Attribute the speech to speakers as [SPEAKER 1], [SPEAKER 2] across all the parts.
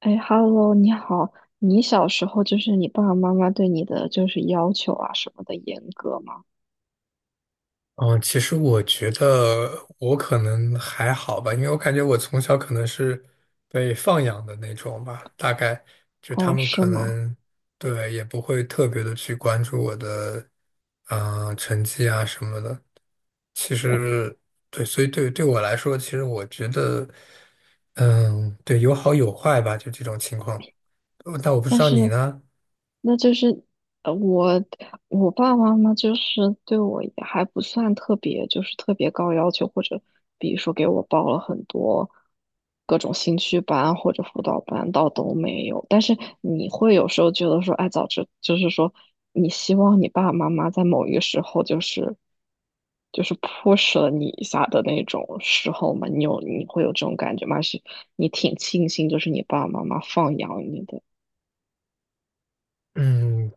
[SPEAKER 1] 哎，Hello，你好。你小时候就是你爸爸妈妈对你的就是要求啊什么的严格吗？
[SPEAKER 2] 嗯，其实我觉得我可能还好吧，因为我感觉我从小可能是被放养的那种吧，大概就他
[SPEAKER 1] 哦，
[SPEAKER 2] 们
[SPEAKER 1] 是
[SPEAKER 2] 可
[SPEAKER 1] 吗？
[SPEAKER 2] 能对也不会特别的去关注我的成绩啊什么的。其实对，所以对我来说，其实我觉得，嗯，对，有好有坏吧，就这种情况。但我不知
[SPEAKER 1] 但
[SPEAKER 2] 道
[SPEAKER 1] 是
[SPEAKER 2] 你呢，
[SPEAKER 1] 那就是呃，我爸爸妈妈就是对我也还不算特别，就是特别高要求，或者比如说给我报了很多各种兴趣班或者辅导班，倒都没有。但是你会有时候觉得说，哎，早知就是说，你希望你爸爸妈妈在某一个时候就是 push 了你一下的那种时候嘛，你会有这种感觉吗？还是你挺庆幸就是你爸爸妈妈放养你的？
[SPEAKER 2] 嗯，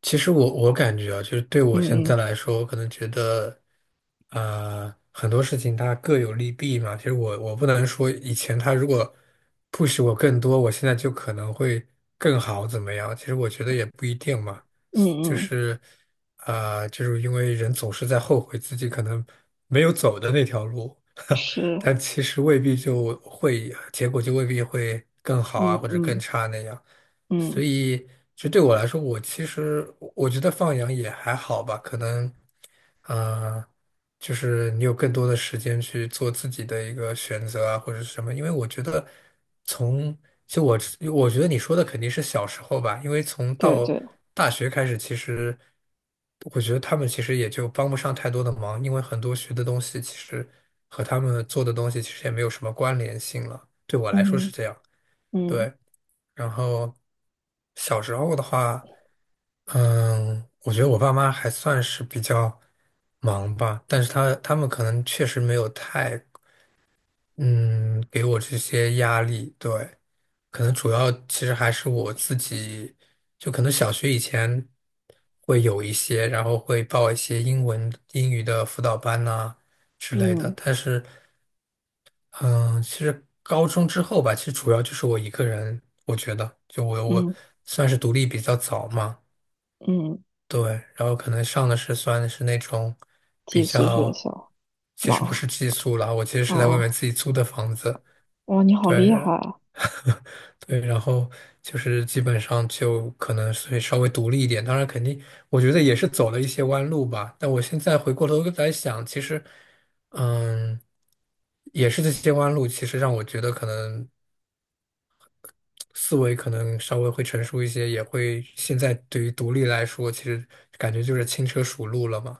[SPEAKER 2] 其实我感觉啊，就是对我
[SPEAKER 1] 嗯
[SPEAKER 2] 现在
[SPEAKER 1] 嗯。
[SPEAKER 2] 来说，我可能觉得，很多事情它各有利弊嘛。其实我不能说以前他如果 push 我更多，我现在就可能会更好怎么样？其实我觉得也不一定嘛。就
[SPEAKER 1] 嗯嗯，
[SPEAKER 2] 是，就是因为人总是在后悔自己可能没有走的那条路，
[SPEAKER 1] 是。
[SPEAKER 2] 但其实未必就会，结果就未必会更好
[SPEAKER 1] 嗯
[SPEAKER 2] 啊，或者更
[SPEAKER 1] 嗯
[SPEAKER 2] 差那样。所
[SPEAKER 1] 嗯。
[SPEAKER 2] 以就对我来说，其实我觉得放养也还好吧，可能，呃，就是你有更多的时间去做自己的一个选择啊，或者是什么，因为我觉得从就我我觉得你说的肯定是小时候吧，因为从
[SPEAKER 1] 对
[SPEAKER 2] 到
[SPEAKER 1] 对。
[SPEAKER 2] 大学开始，其实我觉得他们其实也就帮不上太多的忙，因为很多学的东西其实和他们做的东西其实也没有什么关联性了，对我来说是
[SPEAKER 1] 嗯
[SPEAKER 2] 这样。
[SPEAKER 1] 嗯
[SPEAKER 2] 对，然后小时候的话，嗯，我觉得我爸妈还算是比较忙吧，但是他们可能确实没有太，嗯，给我这些压力。对，可能主要其实还是我自己，就可能小学以前会有一些，然后会报一些英文英语的辅导班呐、之类的，
[SPEAKER 1] 嗯
[SPEAKER 2] 但是。嗯，其实高中之后吧，其实主要就是我一个人，我觉得，我
[SPEAKER 1] 嗯
[SPEAKER 2] 算是独立比较早嘛，
[SPEAKER 1] 嗯。
[SPEAKER 2] 对，然后可能上的是算是那种比
[SPEAKER 1] 寄宿学
[SPEAKER 2] 较，
[SPEAKER 1] 校。
[SPEAKER 2] 其
[SPEAKER 1] 妈，
[SPEAKER 2] 实不是
[SPEAKER 1] 哦。
[SPEAKER 2] 寄宿啦，我其实是在外面
[SPEAKER 1] 哦。
[SPEAKER 2] 自己租的房子，
[SPEAKER 1] 哇，你好
[SPEAKER 2] 对，
[SPEAKER 1] 厉害！
[SPEAKER 2] 对，然后就是基本上就可能会稍微独立一点，当然肯定我觉得也是走了一些弯路吧，但我现在回过头来想，其实，嗯。也是这些弯路，其实让我觉得可能思维可能稍微会成熟一些，也会现在对于独立来说，其实感觉就是轻车熟路了嘛。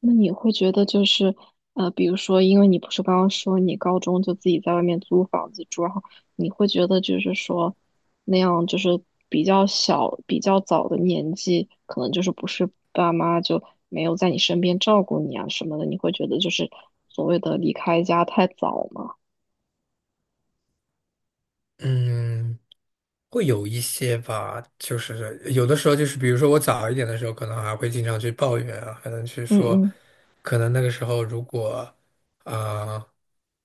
[SPEAKER 1] 那你会觉得就是，比如说，因为你不是刚刚说你高中就自己在外面租房子住，然后你会觉得就是说，那样就是比较小、比较早的年纪，可能就是不是爸妈就没有在你身边照顾你啊什么的，你会觉得就是所谓的离开家太早吗？
[SPEAKER 2] 嗯，会有一些吧，就是有的时候就是，比如说我早一点的时候，可能还会经常去抱怨啊，可能去
[SPEAKER 1] 嗯
[SPEAKER 2] 说，
[SPEAKER 1] 嗯。
[SPEAKER 2] 可能那个时候如果，啊、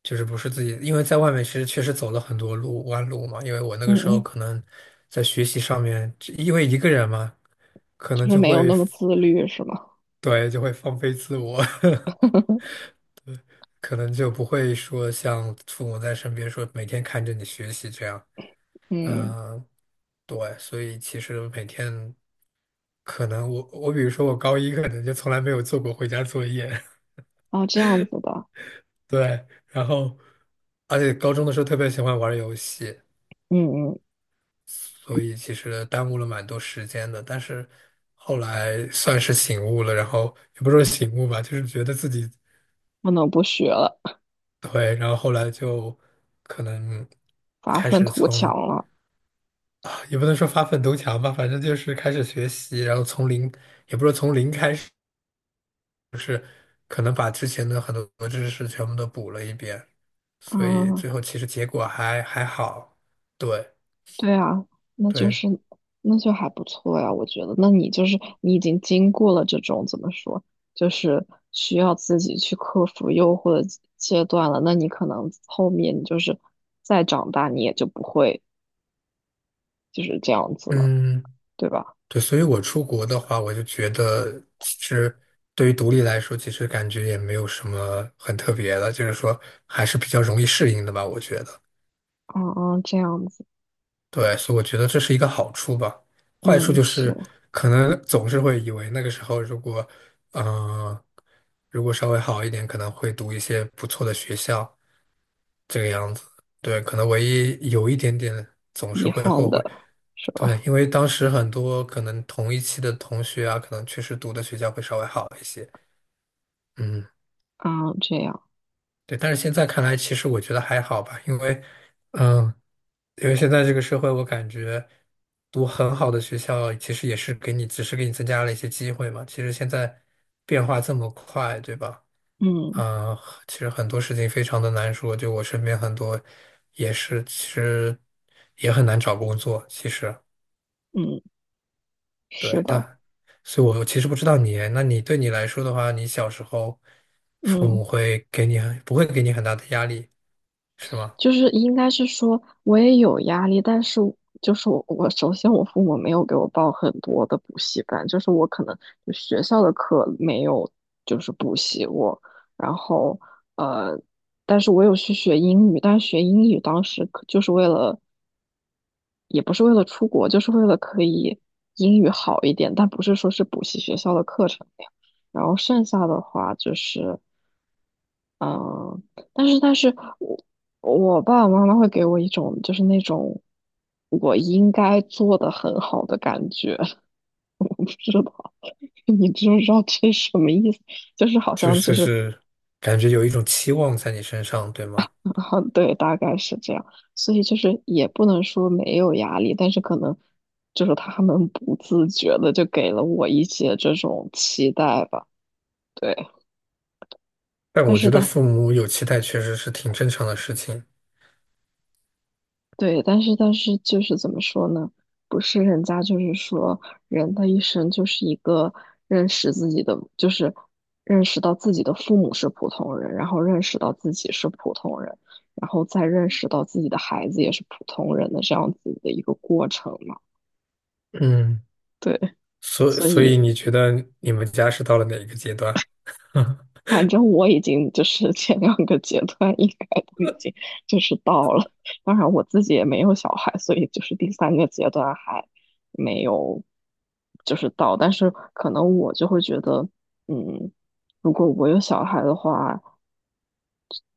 [SPEAKER 2] 就是不是自己，因为在外面其实确实走了很多路弯路嘛，因为我那个
[SPEAKER 1] 嗯
[SPEAKER 2] 时候
[SPEAKER 1] 嗯，
[SPEAKER 2] 可能在学习上面，因为一个人嘛，可
[SPEAKER 1] 就
[SPEAKER 2] 能
[SPEAKER 1] 是
[SPEAKER 2] 就
[SPEAKER 1] 没有
[SPEAKER 2] 会
[SPEAKER 1] 那么自律是吗？
[SPEAKER 2] 对就会放飞自我。可能就不会说像父母在身边说每天看着你学习这样，
[SPEAKER 1] 嗯。
[SPEAKER 2] 嗯、对，所以其实每天可能我比如说我高一可能就从来没有做过回家作业，
[SPEAKER 1] 哦，这样子的。
[SPEAKER 2] 对，然后而且高中的时候特别喜欢玩游戏，
[SPEAKER 1] 嗯嗯。
[SPEAKER 2] 所以其实耽误了蛮多时间的，但是后来算是醒悟了，然后也不是说醒悟吧，就是觉得自己
[SPEAKER 1] 不能不学了。
[SPEAKER 2] 对，然后后来就可能
[SPEAKER 1] 发
[SPEAKER 2] 开
[SPEAKER 1] 愤
[SPEAKER 2] 始
[SPEAKER 1] 图强
[SPEAKER 2] 从。
[SPEAKER 1] 了。
[SPEAKER 2] 也不能说发愤图强吧，反正就是开始学习，然后从零，也不是从零开始，可能把之前的很多知识全部都补了一遍，所以
[SPEAKER 1] 啊。
[SPEAKER 2] 最后其实结果还好。对
[SPEAKER 1] 对啊，那就
[SPEAKER 2] 对，
[SPEAKER 1] 是那就还不错呀，我觉得。那你就是你已经经过了这种怎么说，就是需要自己去克服诱惑的阶段了。那你可能后面你就是再长大，你也就不会就是这样子了，
[SPEAKER 2] 嗯，
[SPEAKER 1] 对吧？
[SPEAKER 2] 对，所以我出国的话，我就觉得其实对于独立来说，其实感觉也没有什么很特别的，就是说还是比较容易适应的吧，我觉得。
[SPEAKER 1] 嗯嗯，这样子。
[SPEAKER 2] 对，所以我觉得这是一个好处吧。坏
[SPEAKER 1] 嗯，
[SPEAKER 2] 处就
[SPEAKER 1] 是，
[SPEAKER 2] 是，可能总是会以为那个时候如果，嗯，如果稍微好一点，可能会读一些不错的学校，这个样子。对，可能唯一有一点点总是
[SPEAKER 1] 遗
[SPEAKER 2] 会
[SPEAKER 1] 憾
[SPEAKER 2] 后悔。
[SPEAKER 1] 的，是
[SPEAKER 2] 对，
[SPEAKER 1] 吧？
[SPEAKER 2] 因为当时很多可能同一期的同学啊，可能确实读的学校会稍微好一些。嗯，
[SPEAKER 1] 嗯，这样。
[SPEAKER 2] 对，但是现在看来，其实我觉得还好吧，因为，嗯、因为现在这个社会，我感觉读很好的学校，其实也是给你，只是给你增加了一些机会嘛。其实现在变化这么快，对吧？
[SPEAKER 1] 嗯
[SPEAKER 2] 嗯、呃其实很多事情非常的难说。就我身边很多也是，其实也很难找工作。其实
[SPEAKER 1] 嗯，是
[SPEAKER 2] 对，
[SPEAKER 1] 的。
[SPEAKER 2] 但所以我其实不知道你，那你对你来说的话，你小时候父
[SPEAKER 1] 嗯。
[SPEAKER 2] 母会给你很，不会给你很大的压力，是吗？
[SPEAKER 1] 就是应该是说，我也有压力，但是我首先我父母没有给我报很多的补习班，就是我可能就学校的课没有就是补习过，然后呃，但是我有去学英语，但是学英语当时可就是为了，也不是为了出国，就是为了可以英语好一点，但不是说是补习学校的课程那样。然后剩下的话就是。嗯，但是我爸爸妈妈会给我一种就是那种我应该做的很好的感觉，我不知道 你知不知道这是什么意思？就是好
[SPEAKER 2] 就
[SPEAKER 1] 像
[SPEAKER 2] 是
[SPEAKER 1] 就
[SPEAKER 2] 就
[SPEAKER 1] 是
[SPEAKER 2] 是感觉有一种期望在你身上，对吗？
[SPEAKER 1] 啊。对，大概是这样，所以就是也不能说没有压力，但是可能就是他们不自觉的就给了我一些这种期待吧。对。
[SPEAKER 2] 但
[SPEAKER 1] 但
[SPEAKER 2] 我
[SPEAKER 1] 是
[SPEAKER 2] 觉得
[SPEAKER 1] 但
[SPEAKER 2] 父母有期待确实是挺正常的事情。
[SPEAKER 1] 对，但是就是怎么说呢？不是人家就是说，人的一生就是一个认识自己的，就是认识到自己的父母是普通人，然后认识到自己是普通人，然后再认识到自己的孩子也是普通人的这样子的一个过程嘛。
[SPEAKER 2] 嗯，
[SPEAKER 1] 对。
[SPEAKER 2] 所
[SPEAKER 1] 所
[SPEAKER 2] 所以
[SPEAKER 1] 以
[SPEAKER 2] 你觉得你们家是到了哪一个阶段？
[SPEAKER 1] 反正我已经就是 前两个阶段应该都已经就是到了，当然我自己也没有小孩，所以就是第三个阶段还没有就是到，但是可能我就会觉得，嗯，如果我有小孩的话，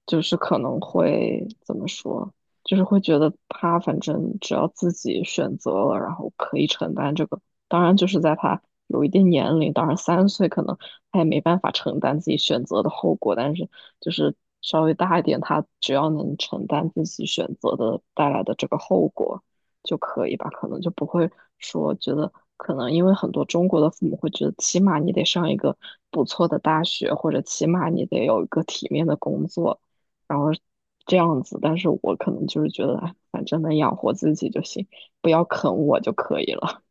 [SPEAKER 1] 就是可能会怎么说，就是会觉得他反正只要自己选择了，然后可以承担这个。当然，就是在他有一定年龄，当然三岁可能他也没办法承担自己选择的后果，但是就是稍微大一点，他只要能承担自己选择的带来的这个后果就可以吧，可能就不会说觉得。可能因为很多中国的父母会觉得，起码你得上一个不错的大学，或者起码你得有一个体面的工作，然后这样子，但是我可能就是觉得，哎反正能养活自己就行，不要啃我就可以了。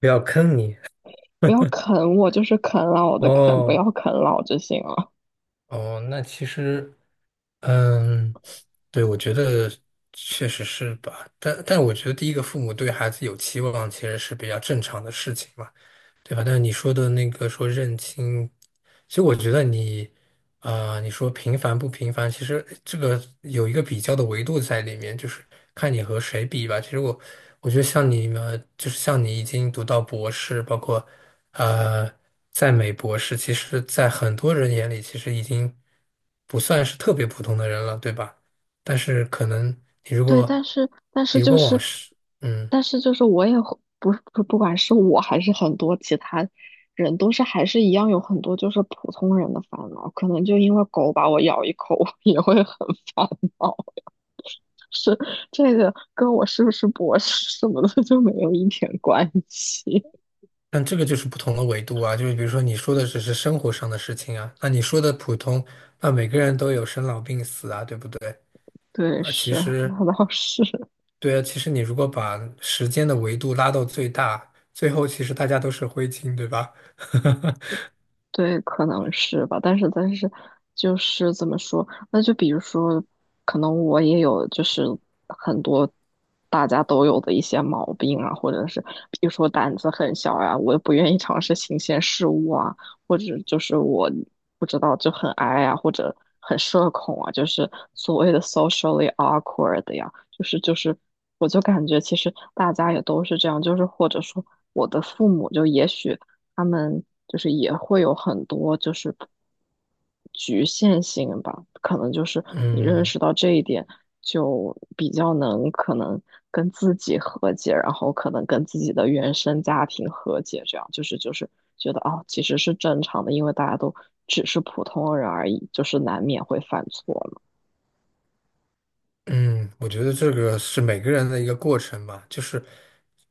[SPEAKER 2] 不要坑你。
[SPEAKER 1] 不要啃我，就是啃老的啃，不
[SPEAKER 2] 哦
[SPEAKER 1] 要啃老就行了。
[SPEAKER 2] 哦，那其实，嗯，对，我觉得确实是吧。但我觉得第一个父母对孩子有期望，其实是比较正常的事情嘛。对吧？但是你说的那个说认清，其实我觉得你，啊，你说平凡不平凡，其实这个有一个比较的维度在里面，就是看你和谁比吧。其实我，我觉得像你们，就是像你已经读到博士，包括呃，在美博士，其实在很多人眼里，其实已经不算是特别普通的人了，对吧？但是可能你如
[SPEAKER 1] 对，但
[SPEAKER 2] 果
[SPEAKER 1] 是但是
[SPEAKER 2] 你如
[SPEAKER 1] 就
[SPEAKER 2] 果往
[SPEAKER 1] 是，
[SPEAKER 2] 是嗯。
[SPEAKER 1] 但是就是我也会不管是我还是很多其他人，都是还是一样有很多就是普通人的烦恼，可能就因为狗把我咬一口，我也会很烦恼。是，这个跟我是不是博士什么的就没有一点关系。
[SPEAKER 2] 但这个就是不同的维度啊，就是比如说你说的只是生活上的事情啊，那你说的普通，那每个人都有生老病死啊，对不对？
[SPEAKER 1] 对，
[SPEAKER 2] 那其
[SPEAKER 1] 是，
[SPEAKER 2] 实，
[SPEAKER 1] 那倒是。
[SPEAKER 2] 对啊，其实你如果把时间的维度拉到最大，最后其实大家都是灰烬，对吧？
[SPEAKER 1] 对，可能是吧，但是就是怎么说？那就比如说，可能我也有就是很多大家都有的一些毛病啊，或者是比如说胆子很小呀、我也不愿意尝试新鲜事物啊，或者就是我不知道就很 i 呀、或者很社恐啊，就是所谓的 socially awkward 呀，就是就是，我就感觉其实大家也都是这样，就是或者说我的父母就也许。他们就是也会有很多就是局限性吧，可能就是你认
[SPEAKER 2] 嗯
[SPEAKER 1] 识到这一点，就比较能可能跟自己和解，然后可能跟自己的原生家庭和解，这样就是就是觉得哦，其实是正常的，因为大家都只是普通人而已，就是难免会犯错嘛。
[SPEAKER 2] 嗯，我觉得这个是每个人的一个过程吧，就是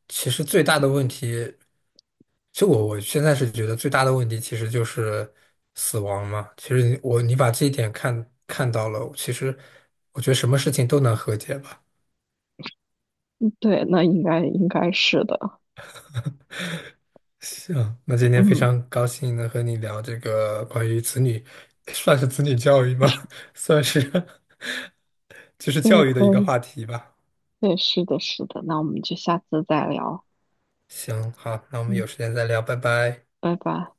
[SPEAKER 2] 其实最大的问题。就我现在是觉得最大的问题其实就是死亡嘛。其实你把这一点看到了，其实我觉得什么事情都能和解吧。
[SPEAKER 1] 对，那应该应该是的。
[SPEAKER 2] 行，那今天非
[SPEAKER 1] 嗯。
[SPEAKER 2] 常高兴能和你聊这个关于子女，算是子女教育吧，算是 就是
[SPEAKER 1] 对，
[SPEAKER 2] 教育的一
[SPEAKER 1] 可
[SPEAKER 2] 个
[SPEAKER 1] 以。
[SPEAKER 2] 话题吧。
[SPEAKER 1] 对，是的，是的，那我们就下次再聊。
[SPEAKER 2] 行，好，那我们
[SPEAKER 1] 嗯，
[SPEAKER 2] 有时间再聊，拜拜。
[SPEAKER 1] 拜拜。